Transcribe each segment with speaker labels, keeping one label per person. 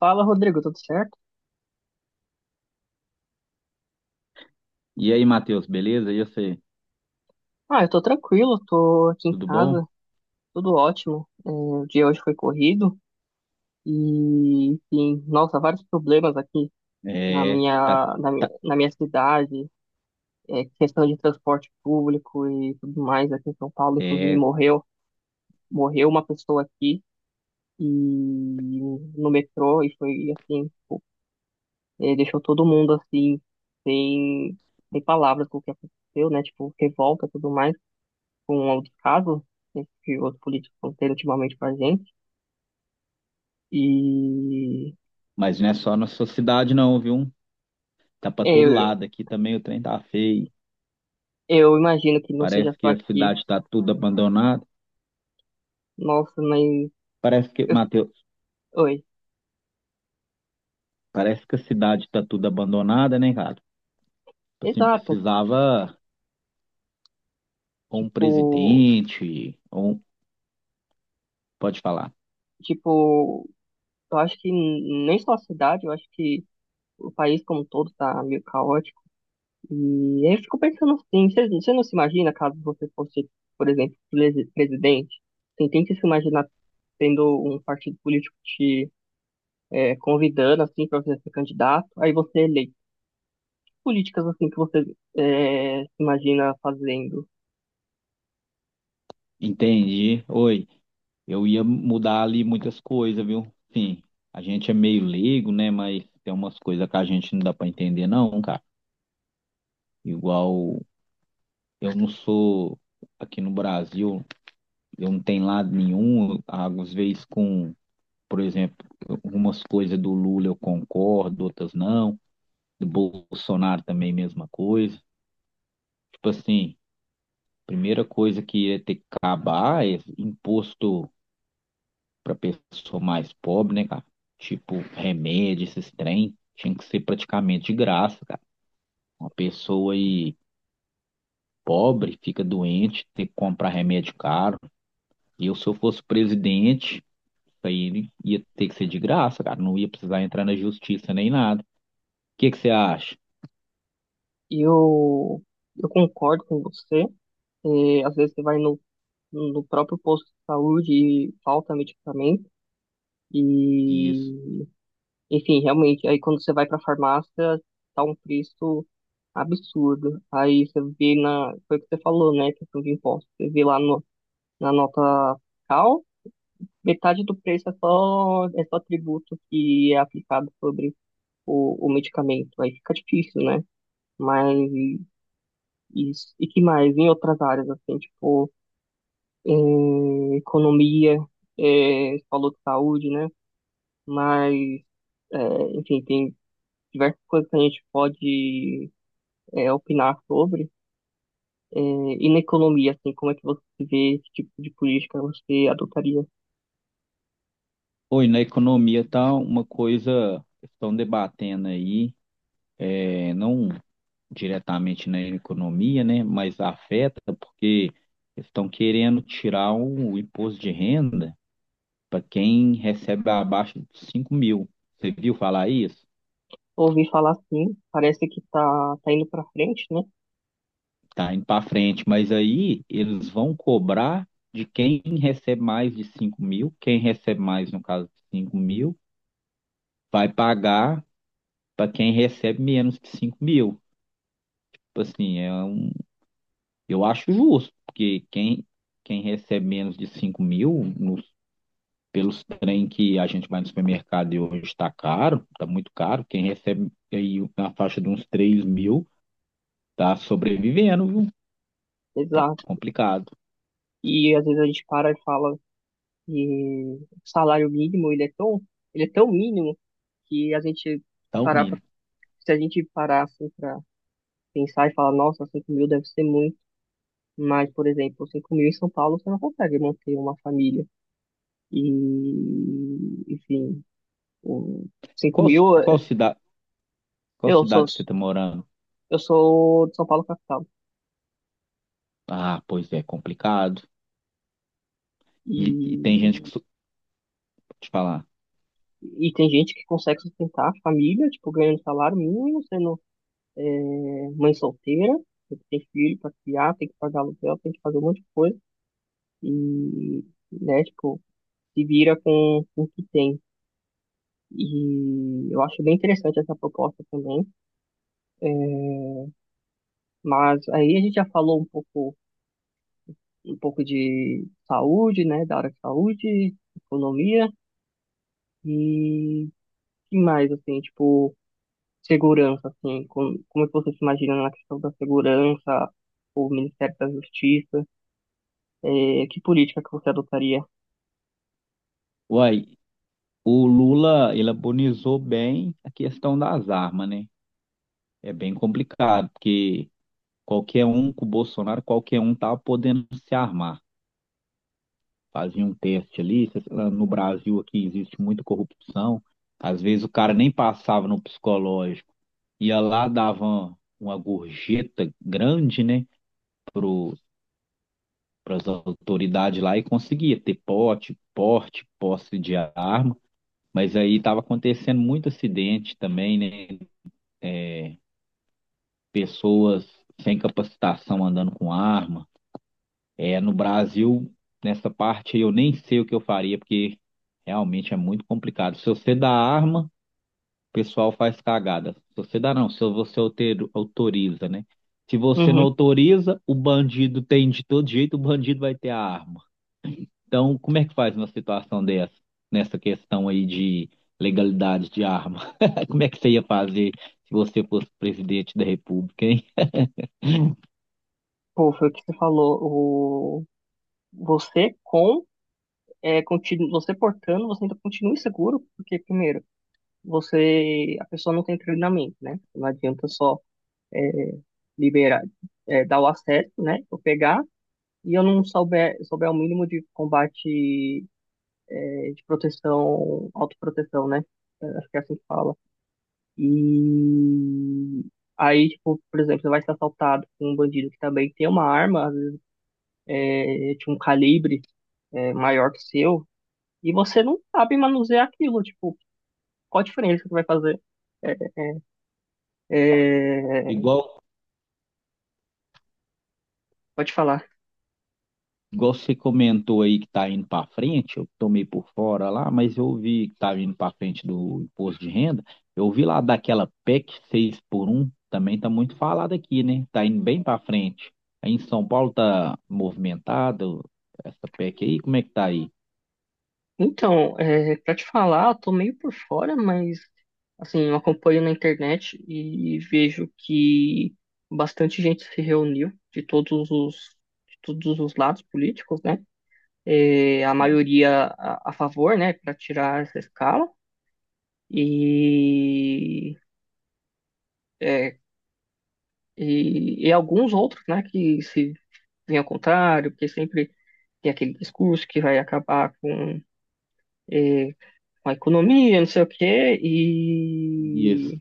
Speaker 1: Fala, Rodrigo, tudo certo?
Speaker 2: E aí, Matheus, beleza? E você?
Speaker 1: Ah, eu tô tranquilo, tô aqui em
Speaker 2: Tudo bom?
Speaker 1: casa, tudo ótimo. O dia hoje foi corrido e, enfim, nossa, vários problemas aqui na
Speaker 2: É, tá.
Speaker 1: minha, na minha,
Speaker 2: tá-
Speaker 1: na minha cidade, questão de transporte público e tudo mais aqui em São Paulo, inclusive
Speaker 2: É,
Speaker 1: morreu uma pessoa aqui e no metrô e foi assim, tipo, deixou todo mundo assim, sem, sem palavras com o que aconteceu, né? Tipo, revolta e tudo mais. Com um outro caso, esse outro político que teve ultimamente com a gente. E
Speaker 2: mas não é só na sua cidade não, viu? Tá pra todo
Speaker 1: eu,
Speaker 2: lado aqui também, o trem tá feio.
Speaker 1: eu imagino que não seja
Speaker 2: Parece
Speaker 1: só
Speaker 2: que a
Speaker 1: aqui.
Speaker 2: cidade tá tudo abandonada.
Speaker 1: Nossa, mas.
Speaker 2: Parece que,
Speaker 1: eu-
Speaker 2: Matheus,
Speaker 1: oi.
Speaker 2: parece que a cidade tá tudo abandonada, né, cara? Tipo assim,
Speaker 1: Exato.
Speaker 2: precisava ou um
Speaker 1: Tipo,
Speaker 2: presidente, ou pode falar.
Speaker 1: tipo, eu acho que nem só a cidade, eu acho que o país como um todo tá meio caótico. E aí eu fico pensando assim, você não se imagina caso você fosse, por exemplo, presidente? Você tenta se imaginar tendo um partido político te convidando assim para você ser candidato, aí você lê políticas assim que você se imagina fazendo.
Speaker 2: Entendi. Oi, eu ia mudar ali muitas coisas, viu? Sim, a gente é meio leigo, né, mas tem umas coisas que a gente não dá pra entender não, cara. Igual eu não sou aqui no Brasil, eu não tenho lado nenhum, às vezes com, por exemplo, algumas coisas do Lula eu concordo, outras não, do Bolsonaro também mesma coisa. Tipo assim, primeira coisa que ia ter que acabar é imposto para pessoa mais pobre, né, cara? Tipo, remédio, esses trem, tinha que ser praticamente de graça, cara. Uma pessoa aí pobre fica doente, tem que comprar remédio caro. E eu, se eu fosse presidente, isso aí ele ia ter que ser de graça, cara. Não ia precisar entrar na justiça nem nada. O que que você acha?
Speaker 1: E eu concordo com você. É, às vezes você vai no próprio posto de saúde e falta medicamento.
Speaker 2: Isso.
Speaker 1: E, enfim, realmente, aí quando você vai para a farmácia, tá um preço absurdo. Aí você vê na, foi o que você falou, né, questão de imposto. Você vê lá no, na nota fiscal, metade do preço é só tributo que é aplicado sobre o medicamento. Aí fica difícil, né? Mas isso. E que mais? Em outras áreas, assim, tipo, em economia, você falou de saúde, né? Mas, é, enfim, tem diversas coisas que a gente pode, opinar sobre. E na economia, assim, como é que você vê esse tipo de política você adotaria?
Speaker 2: Oi, na economia tá uma coisa que estão debatendo aí, não diretamente na economia, né? Mas afeta porque estão querendo tirar o imposto de renda para quem recebe abaixo de 5 mil. Você viu falar isso?
Speaker 1: Ouvi falar assim, parece que tá indo para frente, né?
Speaker 2: Tá indo para frente, mas aí eles vão cobrar de quem recebe mais de 5 mil, quem recebe mais, no caso de 5 mil, vai pagar para quem recebe menos de 5 mil. Tipo assim, eu acho justo, porque quem recebe menos de 5 mil, nos, pelos trem que a gente vai no supermercado e hoje está caro, está muito caro, quem recebe aí na faixa de uns 3 mil, tá sobrevivendo, viu?
Speaker 1: Eles
Speaker 2: Tá complicado,
Speaker 1: E às vezes a gente para e fala que o salário mínimo ele é tão mínimo que a gente se
Speaker 2: tá o
Speaker 1: parar pra,
Speaker 2: mínimo.
Speaker 1: se a gente parar assim para pensar e falar, nossa, 5 mil deve ser muito. Mas, por exemplo, 5 mil em São Paulo você não consegue manter uma família. E, enfim, o 5
Speaker 2: Qual,
Speaker 1: mil.
Speaker 2: qual cidade, Qual
Speaker 1: eu sou,
Speaker 2: cidade você tá morando?
Speaker 1: eu sou de São Paulo capital.
Speaker 2: Ah, pois é, complicado. E tem
Speaker 1: E,
Speaker 2: gente que te falar,
Speaker 1: e tem gente que consegue sustentar a família, tipo, ganhando salário mínimo, sendo é mãe solteira, tem que ter filho pra criar, tem que pagar aluguel, tem que fazer um monte de coisa. E, né, tipo, se vira com o que tem. E eu acho bem interessante essa proposta também. é, Mas aí a gente já falou um pouco de saúde, né? Da área de saúde, economia e que mais, assim, tipo, segurança, assim, como é que você se imagina na questão da segurança, o Ministério da Justiça, é que política que você adotaria?
Speaker 2: uai, o Lula, ele abonizou bem a questão das armas, né? É bem complicado, porque qualquer um com o Bolsonaro, qualquer um tá podendo se armar. Fazia um teste ali, sei lá, no Brasil aqui existe muita corrupção. Às vezes o cara nem passava no psicológico, ia lá, dava uma gorjeta grande, né? pro para as autoridades lá e conseguia ter porte, posse de arma, mas aí estava acontecendo muito acidente também, né? Pessoas sem capacitação andando com arma. É, no Brasil, nessa parte eu nem sei o que eu faria, porque realmente é muito complicado. Se você dá arma, o pessoal faz cagada. Se você autoriza, né? Se você não
Speaker 1: Uhum.
Speaker 2: autoriza, o bandido tem de todo jeito, o bandido vai ter a arma. Então, como é que faz uma situação dessa, nessa questão aí de legalidade de arma? Como é que você ia fazer se você fosse presidente da República, hein?
Speaker 1: Pô, foi o que você falou. O... Você com Você portando, você ainda continua inseguro, porque primeiro, você a pessoa não tem treinamento, né? Não adianta só liberar, dar o acesso, né? Eu pegar e eu não souber o mínimo de combate, de proteção, autoproteção, né? Acho que é assim que fala. E aí, tipo, por exemplo, você vai ser assaltado por um bandido que também tem uma arma. De um calibre maior que o seu, e você não sabe manusear aquilo, tipo, qual a diferença que vai fazer? É, é, é,
Speaker 2: Igual,
Speaker 1: Pode falar.
Speaker 2: igual você comentou aí que tá indo para frente, eu tomei por fora lá, mas eu vi que tava indo para frente do imposto de renda. Eu vi lá daquela PEC 6 por um também tá muito falado aqui, né? Tá indo bem para frente. Aí em São Paulo tá movimentado essa PEC aí, como é que tá aí?
Speaker 1: Então, pra te falar, eu tô meio por fora, mas assim, eu acompanho na internet e vejo que bastante gente se reuniu de todos os lados políticos, né? A maioria a favor, né, para tirar essa escala. E é, e alguns outros, né, que se vêm ao contrário, porque sempre tem aquele discurso que vai acabar com, eh, com a economia, não sei o quê,
Speaker 2: Isso.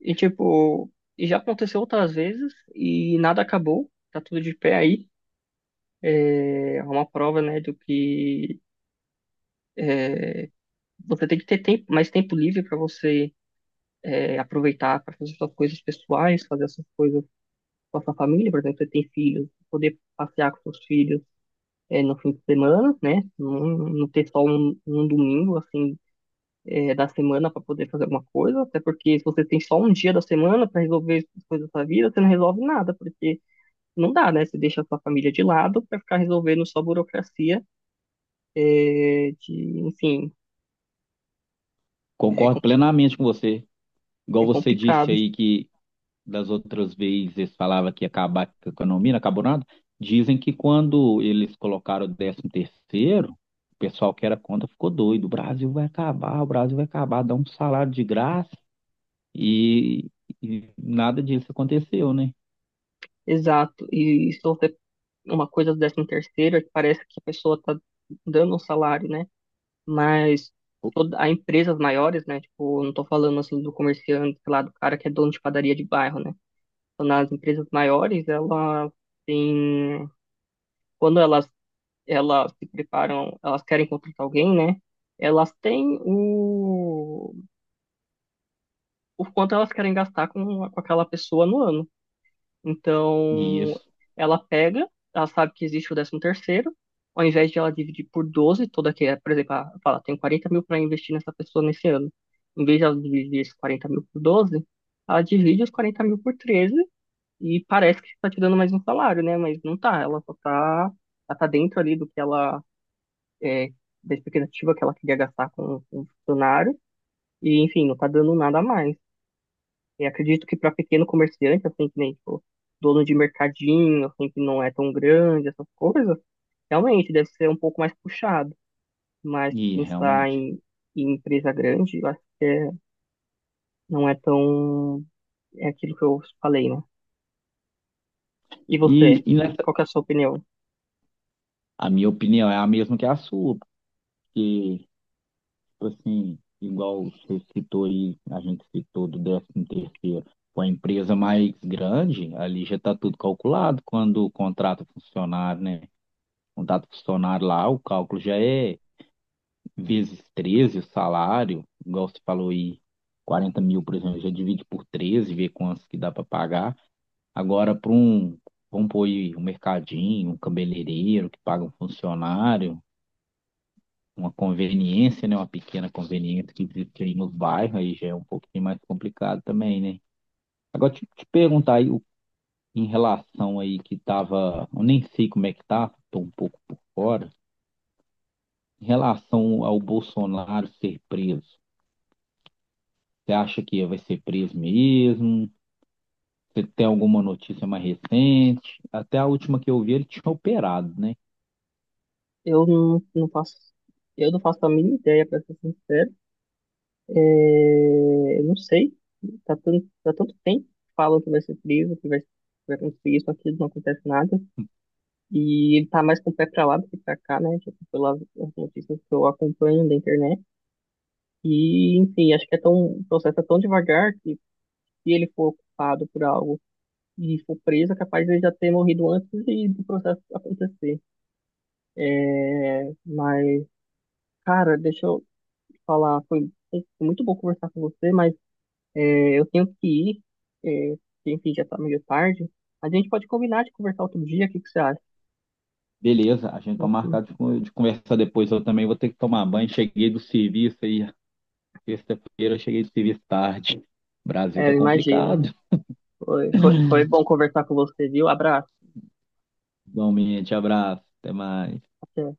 Speaker 1: e tipo, e já aconteceu outras vezes e nada acabou, tá tudo de pé aí. É uma prova, né, do que eh, você tem que ter tempo, mais tempo livre para você aproveitar para fazer suas coisas pessoais, fazer essas coisas com a sua família, por exemplo, você tem filhos, poder passear com seus filhos no fim de semana, né? Não ter só um domingo, assim, da semana para poder fazer alguma coisa, até porque se você tem só um dia da semana para resolver as coisas da sua vida, você não resolve nada, porque não dá, né? Você deixa a sua família de lado para ficar resolvendo só burocracia, é, de, enfim, é, com-
Speaker 2: Concordo plenamente com você. Igual
Speaker 1: é
Speaker 2: você disse
Speaker 1: complicado.
Speaker 2: aí que das outras vezes falava que ia acabar com a economia, não acabou nada. Dizem que quando eles colocaram o décimo terceiro, o pessoal que era contra ficou doido. O Brasil vai acabar, o Brasil vai acabar, dá um salário de graça e, e nada disso aconteceu, né?
Speaker 1: Exato. E se você uma coisa do décimo terceiro, é que parece que a pessoa está dando um salário, né? Mas há empresas maiores, né? Tipo, eu não tô falando assim do comerciante, sei lá, do cara que é dono de padaria de bairro, né? Então, nas empresas maiores, ela tem. Quando elas se preparam, elas querem contratar alguém, né? Elas têm o quanto elas querem gastar com aquela pessoa no ano.
Speaker 2: E
Speaker 1: Então,
Speaker 2: isso,
Speaker 1: ela pega, ela sabe que existe o décimo terceiro, ao invés de ela dividir por 12 toda que, é, por exemplo, ela fala, tenho 40 mil para investir nessa pessoa nesse ano. Em vez de ela dividir esses 40 mil por 12, ela divide os 40 mil por 13 e parece que está te dando mais um salário, né? Mas não tá, ela só tá, ela tá dentro ali do que ela, é, da expectativa que ela queria gastar com o funcionário. E, enfim, não tá dando nada a mais. E acredito que para pequeno comerciante, assim, que nem, tipo, dono de mercadinho, assim, que não é tão grande, essas coisas, realmente deve ser um pouco mais puxado. Mas
Speaker 2: e
Speaker 1: pensar
Speaker 2: realmente.
Speaker 1: em empresa grande, eu acho não é tão. É aquilo que eu falei, né? E você?
Speaker 2: E, e nessa-
Speaker 1: Qual que é a sua opinião?
Speaker 2: a minha opinião é a mesma que a sua, porque tipo assim, igual você citou aí, a gente citou do 13 terceiro, com a empresa mais grande, ali já está tudo calculado quando contrata funcionário, né? Contrata funcionário lá, o cálculo já é vezes 13 o salário, igual você falou aí, 40 mil, por exemplo, já divide por 13 vê quantos que dá para pagar. Agora, vamos pôr aí um mercadinho, um cabeleireiro que paga um funcionário, uma conveniência, né? Uma pequena conveniência que existe aí no bairro, aí já é um pouquinho mais complicado também, né? Agora, te perguntar aí o- em relação aí que tava, eu nem sei como é que tá, tô um pouco por fora, em relação ao Bolsonaro ser preso, você acha que vai ser preso mesmo? Você tem alguma notícia mais recente? Até a última que eu vi, ele tinha operado, né?
Speaker 1: Eu não faço. Eu não faço a mínima ideia, para ser sincero. É, eu não sei. Tá tanto tempo que falam que vai ser frio, que vai acontecer isso, aquilo, não acontece nada. E ele tá mais com o pé pra lá do que pra cá, né? Tipo, pelas as notícias que eu acompanho da internet. E, enfim, acho que é tão, o processo é tão devagar que se ele for ocupado por algo e for preso, é capaz de ele já ter morrido antes do processo acontecer. Mas, cara, deixa eu te falar, foi muito bom conversar com você, mas é, eu tenho que ir, é, porque, enfim, já tá meio tarde. Mas a gente pode combinar de conversar outro dia, o que que você acha?
Speaker 2: Beleza, a gente tá
Speaker 1: Outro-
Speaker 2: marcado de, de conversar depois, eu também vou ter que tomar banho, cheguei do serviço aí, sexta-feira eu cheguei do serviço tarde. Brasil tá
Speaker 1: É, imagina.
Speaker 2: complicado.
Speaker 1: Foi bom conversar com você, viu? Abraço.
Speaker 2: Igualmente, abraço, até mais.
Speaker 1: Até.